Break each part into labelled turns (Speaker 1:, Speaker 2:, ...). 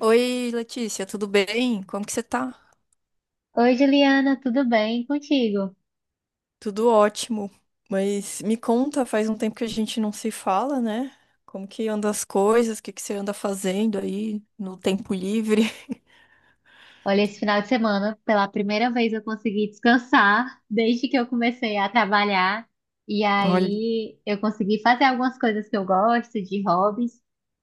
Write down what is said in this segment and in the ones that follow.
Speaker 1: Oi, Letícia, tudo bem? Como que você tá?
Speaker 2: Oi, Juliana, tudo bem contigo?
Speaker 1: Tudo ótimo. Mas me conta, faz um tempo que a gente não se fala, né? Como que anda as coisas? O que que você anda fazendo aí no tempo livre?
Speaker 2: Olha, esse final de semana, pela primeira vez eu consegui descansar desde que eu comecei a trabalhar. E
Speaker 1: Olha.
Speaker 2: aí eu consegui fazer algumas coisas que eu gosto, de hobbies.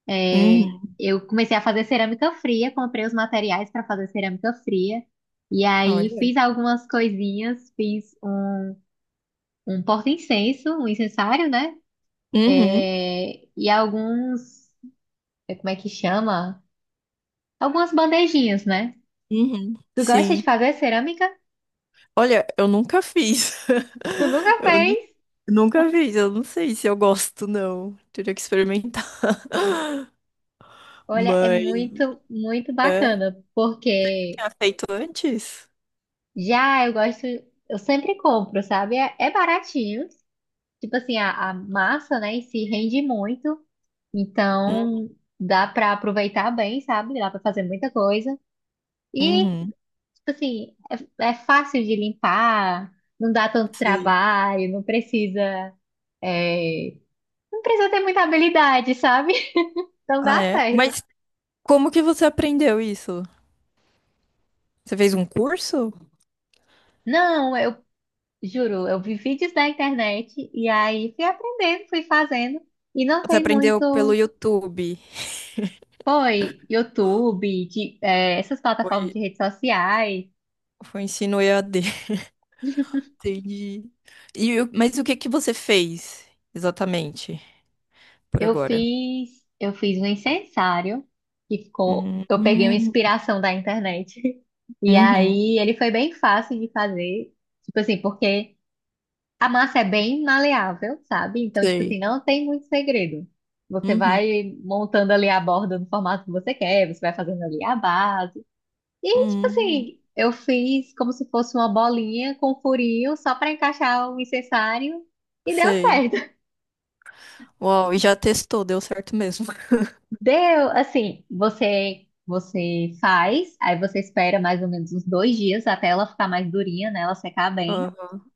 Speaker 2: É,
Speaker 1: Uhum.
Speaker 2: eu comecei a fazer cerâmica fria, comprei os materiais para fazer cerâmica fria. E aí
Speaker 1: Olha.
Speaker 2: fiz algumas coisinhas, fiz um, um porta-incenso, um incensário, né?
Speaker 1: Uhum.
Speaker 2: É, e alguns, é, como é que chama? Algumas bandejinhas, né?
Speaker 1: Uhum.
Speaker 2: Tu gosta de
Speaker 1: Sim.
Speaker 2: fazer cerâmica?
Speaker 1: Olha, eu nunca fiz.
Speaker 2: Tu nunca
Speaker 1: Eu nu-
Speaker 2: fez?
Speaker 1: Nunca fiz. Eu não sei se eu gosto, não. Teria que experimentar.
Speaker 2: Olha, é
Speaker 1: Mas.
Speaker 2: muito, muito
Speaker 1: É.
Speaker 2: bacana, porque
Speaker 1: Tinha feito antes?
Speaker 2: já eu gosto, eu sempre compro, sabe? É, é baratinho. Tipo assim, a massa, né, em si rende muito,
Speaker 1: Hum.
Speaker 2: então dá pra aproveitar bem, sabe? Dá pra fazer muita coisa. E,
Speaker 1: Uhum.
Speaker 2: tipo assim, é, é fácil de limpar, não dá tanto
Speaker 1: Sei.
Speaker 2: trabalho, não precisa, é, não precisa ter muita habilidade, sabe? Então
Speaker 1: Ah,
Speaker 2: dá
Speaker 1: é?
Speaker 2: certo.
Speaker 1: Mas como que você aprendeu isso? Você fez um curso?
Speaker 2: Não, eu juro, eu vi vídeos na internet e aí fui aprendendo, fui fazendo. E não
Speaker 1: Você
Speaker 2: tem
Speaker 1: aprendeu pelo
Speaker 2: muito.
Speaker 1: YouTube?
Speaker 2: Foi YouTube, de, é, essas plataformas
Speaker 1: Foi,
Speaker 2: de redes sociais.
Speaker 1: foi ensino EAD. Entendi. Mas o que que você fez exatamente por agora?
Speaker 2: Eu fiz um incensário que ficou.
Speaker 1: Hum,
Speaker 2: Eu peguei uma
Speaker 1: hum,
Speaker 2: inspiração da internet. E
Speaker 1: uhum,
Speaker 2: aí ele foi bem fácil de fazer. Tipo assim, porque a massa é bem maleável, sabe? Então, tipo assim,
Speaker 1: sei.
Speaker 2: não tem muito segredo. Você
Speaker 1: Uhum,
Speaker 2: vai montando ali a borda no formato que você quer, você vai fazendo ali a base. E, tipo
Speaker 1: uhum,
Speaker 2: assim, eu fiz como se fosse uma bolinha com furinho só para encaixar o incensário e deu
Speaker 1: sei.
Speaker 2: certo.
Speaker 1: Uau, e já testou, deu certo mesmo.
Speaker 2: Deu, assim, você faz, aí você espera mais ou menos uns dois dias até ela ficar mais durinha, né? Ela secar bem.
Speaker 1: Aham,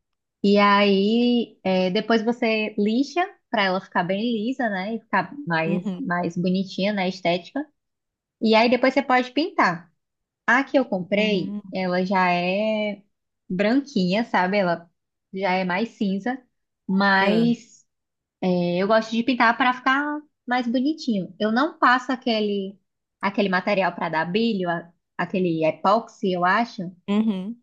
Speaker 2: E aí, é, depois você lixa para ela ficar bem lisa, né? E ficar mais,
Speaker 1: uhum,
Speaker 2: mais bonitinha, né? Estética. E aí depois você pode pintar. A que eu comprei,
Speaker 1: uhum,
Speaker 2: ela já é branquinha, sabe? Ela já é mais cinza,
Speaker 1: é,
Speaker 2: mas é, eu gosto de pintar para ficar mais bonitinho. Eu não passo aquele material para dar brilho, a- aquele epóxi, eu acho,
Speaker 1: uhum,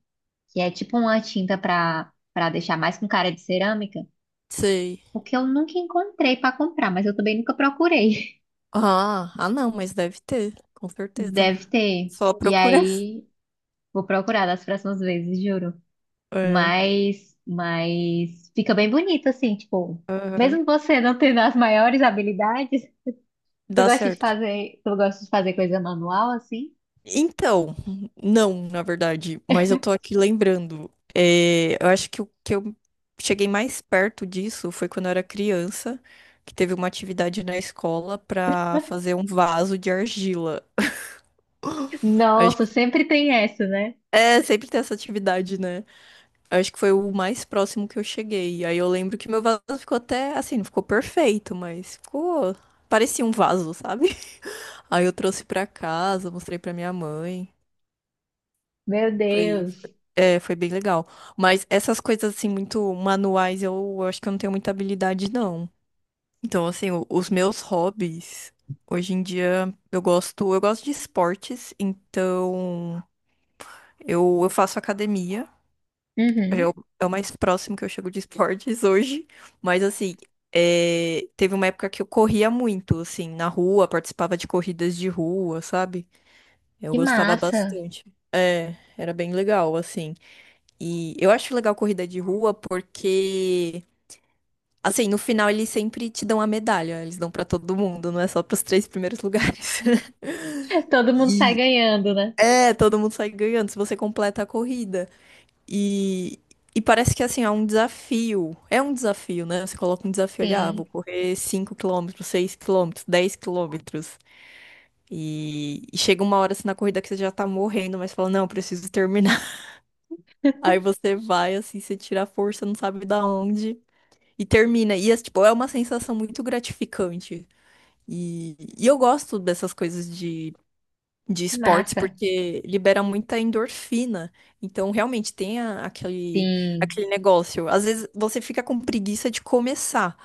Speaker 2: que é tipo uma tinta para deixar mais com cara de cerâmica,
Speaker 1: sei.
Speaker 2: porque eu nunca encontrei para comprar, mas eu também nunca procurei.
Speaker 1: Ah, ah, não, mas deve ter, com certeza.
Speaker 2: Deve ter.
Speaker 1: Só
Speaker 2: E
Speaker 1: procurar.
Speaker 2: aí vou procurar das próximas vezes, juro.
Speaker 1: É.
Speaker 2: Mas fica bem bonito, assim, tipo,
Speaker 1: Aham.
Speaker 2: mesmo você não tendo as maiores habilidades, tu
Speaker 1: Dá
Speaker 2: gosta de
Speaker 1: certo.
Speaker 2: fazer, tu gosta de fazer coisa manual, assim?
Speaker 1: Então, não, na verdade, mas eu tô aqui lembrando. É, eu acho que o que eu cheguei mais perto disso foi quando eu era criança, que teve uma atividade na escola pra fazer um vaso de argila. Acho
Speaker 2: Nossa,
Speaker 1: que
Speaker 2: sempre tem essa, né?
Speaker 1: é, sempre tem essa atividade, né? Acho que foi o mais próximo que eu cheguei. Aí eu lembro que meu vaso ficou até assim, não ficou perfeito, mas ficou, parecia um vaso, sabe? Aí eu trouxe pra casa, mostrei pra minha mãe.
Speaker 2: Meu Deus.
Speaker 1: Foi bem legal. Mas essas coisas, assim, muito manuais, acho que eu não tenho muita habilidade, não. Então, assim, os meus hobbies, hoje em dia, eu gosto de esportes, então eu faço academia. É
Speaker 2: Uhum.
Speaker 1: o, é o mais próximo que eu chego de esportes hoje. Mas, assim, é, teve uma época que eu corria muito, assim, na rua, participava de corridas de rua, sabe? Eu
Speaker 2: Que
Speaker 1: gostava
Speaker 2: massa.
Speaker 1: bastante. Era bem legal, assim. E eu acho legal corrida de rua porque, assim, no final eles sempre te dão a medalha, eles dão pra todo mundo, não é só pros três primeiros lugares.
Speaker 2: Todo mundo sai
Speaker 1: E
Speaker 2: ganhando, né?
Speaker 1: é, todo mundo sai ganhando se você completa a corrida. E, e parece que, assim, é um desafio. É um desafio, né? Você coloca um desafio ali, ah, vou
Speaker 2: Sim,
Speaker 1: correr 5 quilômetros, 6 quilômetros, 10 quilômetros. E chega uma hora assim na corrida que você já tá morrendo, mas fala, não, preciso terminar. Aí você vai, assim, você tira a força, não sabe da onde. E termina. E, é, tipo, é uma sensação muito gratificante. E eu gosto dessas coisas de
Speaker 2: que
Speaker 1: esportes
Speaker 2: massa.
Speaker 1: porque libera muita endorfina. Então, realmente, aquele,
Speaker 2: Sim.
Speaker 1: aquele negócio. Às vezes, você fica com preguiça de começar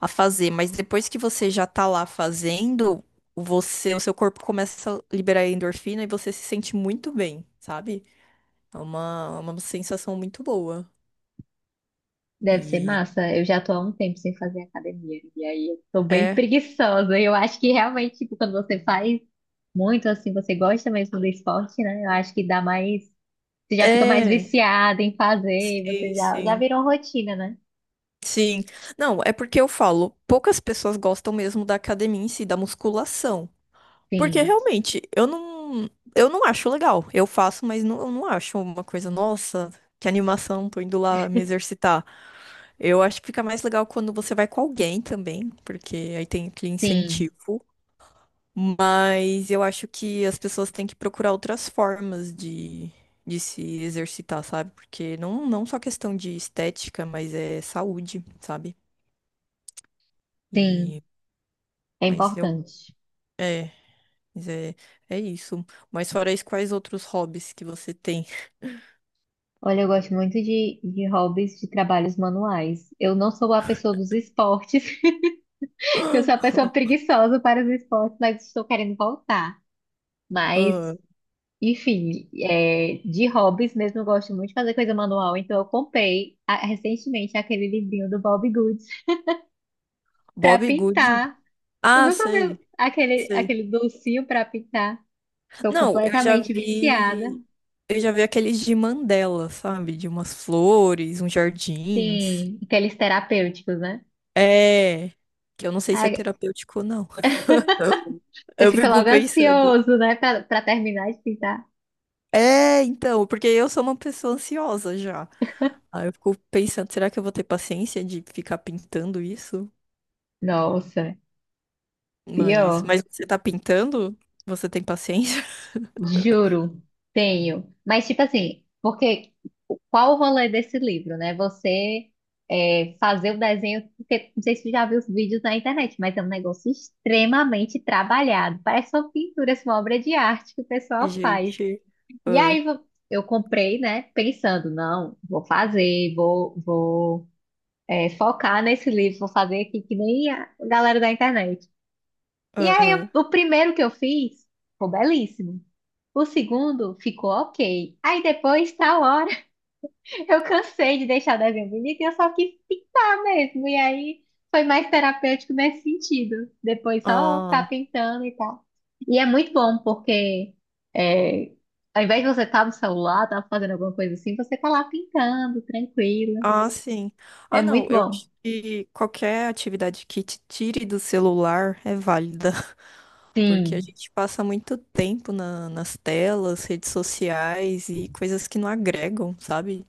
Speaker 1: a fazer, mas depois que você já tá lá fazendo, você, o seu corpo começa a liberar endorfina e você se sente muito bem, sabe? Uma sensação muito boa.
Speaker 2: Deve ser
Speaker 1: E
Speaker 2: massa. Eu já tô há um tempo sem fazer academia. E aí eu tô bem
Speaker 1: é.
Speaker 2: preguiçosa. Eu acho que realmente, tipo, quando você faz muito assim, você gosta mesmo do esporte, né? Eu acho que dá mais. Você já fica mais
Speaker 1: É,
Speaker 2: viciada em fazer, você
Speaker 1: sim,
Speaker 2: já, já
Speaker 1: sim.
Speaker 2: virou rotina, né?
Speaker 1: Sim. Não, é porque eu falo, poucas pessoas gostam mesmo da academia em si, da musculação. Porque
Speaker 2: Sim,
Speaker 1: realmente, eu não acho legal. Eu faço, mas não, eu não acho uma coisa, nossa, que animação, tô indo lá me exercitar. Eu acho que fica mais legal quando você vai com alguém também, porque aí tem aquele
Speaker 2: sim,
Speaker 1: incentivo. Mas eu acho que as pessoas têm que procurar outras formas de se exercitar, sabe? Porque não só questão de estética, mas é saúde, sabe?
Speaker 2: sim.
Speaker 1: E,
Speaker 2: É
Speaker 1: mas eu,
Speaker 2: importante.
Speaker 1: é, mas é, é isso. Mas fora isso, quais outros hobbies que você tem?
Speaker 2: Olha, eu gosto muito de hobbies de trabalhos manuais. Eu não sou a pessoa dos esportes, eu sou a pessoa preguiçosa para os esportes, mas estou querendo voltar. Mas
Speaker 1: Ah,
Speaker 2: enfim, é, de hobbies mesmo, eu gosto muito de fazer coisa manual, então eu comprei a- recentemente aquele livrinho do Bob Goods para
Speaker 1: Bob Good.
Speaker 2: pintar. Tu
Speaker 1: Ah,
Speaker 2: nunca viu
Speaker 1: sei,
Speaker 2: aquele,
Speaker 1: sei.
Speaker 2: aquele docinho para pintar? Estou
Speaker 1: Não,
Speaker 2: completamente viciada.
Speaker 1: eu já vi aqueles de Mandela, sabe? De umas flores, uns jardins.
Speaker 2: Sim, aqueles terapêuticos, né?
Speaker 1: É, que eu não sei se é
Speaker 2: Ai,
Speaker 1: terapêutico ou não.
Speaker 2: você
Speaker 1: Eu
Speaker 2: fica
Speaker 1: fico
Speaker 2: logo
Speaker 1: pensando.
Speaker 2: ansioso, né, para terminar de pintar.
Speaker 1: É, então, porque eu sou uma pessoa ansiosa já. Aí eu fico pensando, será que eu vou ter paciência de ficar pintando isso?
Speaker 2: Nossa,
Speaker 1: Mas,
Speaker 2: pior,
Speaker 1: mas você tá pintando? Você tem paciência?
Speaker 2: juro, tenho. Mas tipo assim, porque qual o rolê desse livro, né? Você é, fazer o desenho, porque não sei se você já viu os vídeos na internet, mas é um negócio extremamente trabalhado. Parece uma pintura, assim, uma obra de arte que o pessoal faz.
Speaker 1: Gente.
Speaker 2: E
Speaker 1: Ah,
Speaker 2: aí vo- eu comprei, né? Pensando, não, vou fazer, vou, vou é, focar nesse livro, vou fazer aqui que nem a galera da internet. E aí eu-
Speaker 1: aham.
Speaker 2: o primeiro que eu fiz ficou belíssimo. O segundo ficou ok. Aí depois tal hora. Eu cansei de deixar o desenho bonito e eu só quis pintar mesmo. E aí foi mais terapêutico nesse sentido. Depois só ficar
Speaker 1: Ah,
Speaker 2: pintando e tal. E é muito bom porque é, ao invés de você estar no celular, estar fazendo alguma coisa assim, você tá lá pintando, tranquila.
Speaker 1: ah, sim.
Speaker 2: É
Speaker 1: Ah,
Speaker 2: muito
Speaker 1: não. Eu
Speaker 2: bom.
Speaker 1: acho que qualquer atividade que te tire do celular é válida. Porque a
Speaker 2: Sim.
Speaker 1: gente passa muito tempo nas telas, redes sociais e coisas que não agregam, sabe?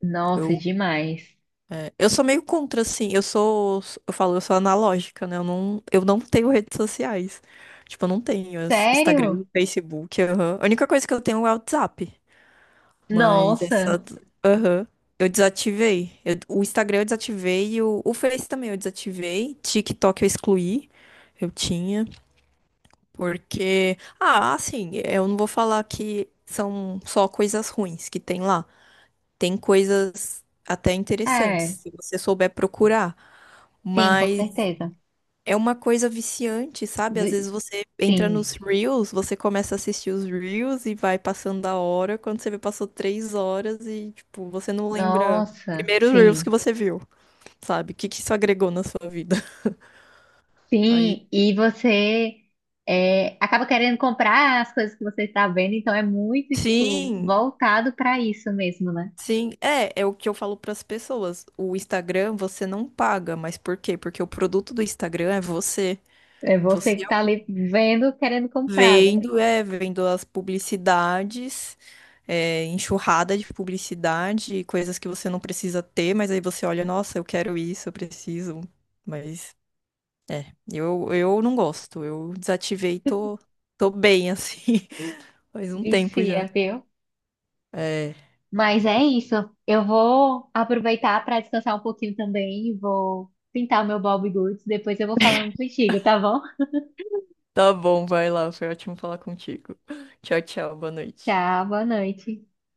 Speaker 2: Nossa,
Speaker 1: Eu
Speaker 2: demais.
Speaker 1: é, eu sou meio contra, assim. Eu falo, eu sou analógica, né? Eu não tenho redes sociais. Tipo, eu não tenho as- Instagram,
Speaker 2: Sério?
Speaker 1: Facebook, aham. A única coisa que eu tenho é o WhatsApp. Mas
Speaker 2: Nossa.
Speaker 1: essa, aham. Eu desativei. O Instagram eu desativei e o Face também eu desativei. TikTok eu excluí. Eu tinha. Porque, ah, assim, eu não vou falar que são só coisas ruins que tem lá. Tem coisas até interessantes,
Speaker 2: É.
Speaker 1: se você souber procurar.
Speaker 2: Sim, com
Speaker 1: Mas
Speaker 2: certeza.
Speaker 1: é uma coisa viciante, sabe? Às
Speaker 2: Vi-
Speaker 1: vezes você entra nos
Speaker 2: sim.
Speaker 1: Reels, você começa a assistir os Reels e vai passando a hora. Quando você vê, passou 3 horas e, tipo, você não lembra
Speaker 2: Nossa,
Speaker 1: primeiro os Reels que
Speaker 2: sim.
Speaker 1: você viu, sabe? O que que isso agregou na sua vida? Aí.
Speaker 2: Sim, e você é, acaba querendo comprar as coisas que você está vendo, então é muito, tipo,
Speaker 1: Sim,
Speaker 2: voltado para isso mesmo, né?
Speaker 1: sim. É, é o que eu falo para as pessoas. O Instagram você não paga, mas por quê? Porque o produto do Instagram é você.
Speaker 2: É você
Speaker 1: Você
Speaker 2: que tá ali vendo, querendo comprar, né?
Speaker 1: Vendo as publicidades, é, enxurrada de publicidade, coisas que você não precisa ter, mas aí você olha, nossa, eu quero isso, eu preciso. Mas, eu não gosto, eu desativei, tô bem assim, faz um tempo já.
Speaker 2: Vicia, viu?
Speaker 1: É,
Speaker 2: Mas é isso. Eu vou aproveitar para descansar um pouquinho também, vou pintar o meu Bob Goods, depois eu vou falando contigo, tá bom?
Speaker 1: tá bom, vai lá, foi ótimo falar contigo. Tchau, tchau, boa noite.
Speaker 2: Tchau, boa noite.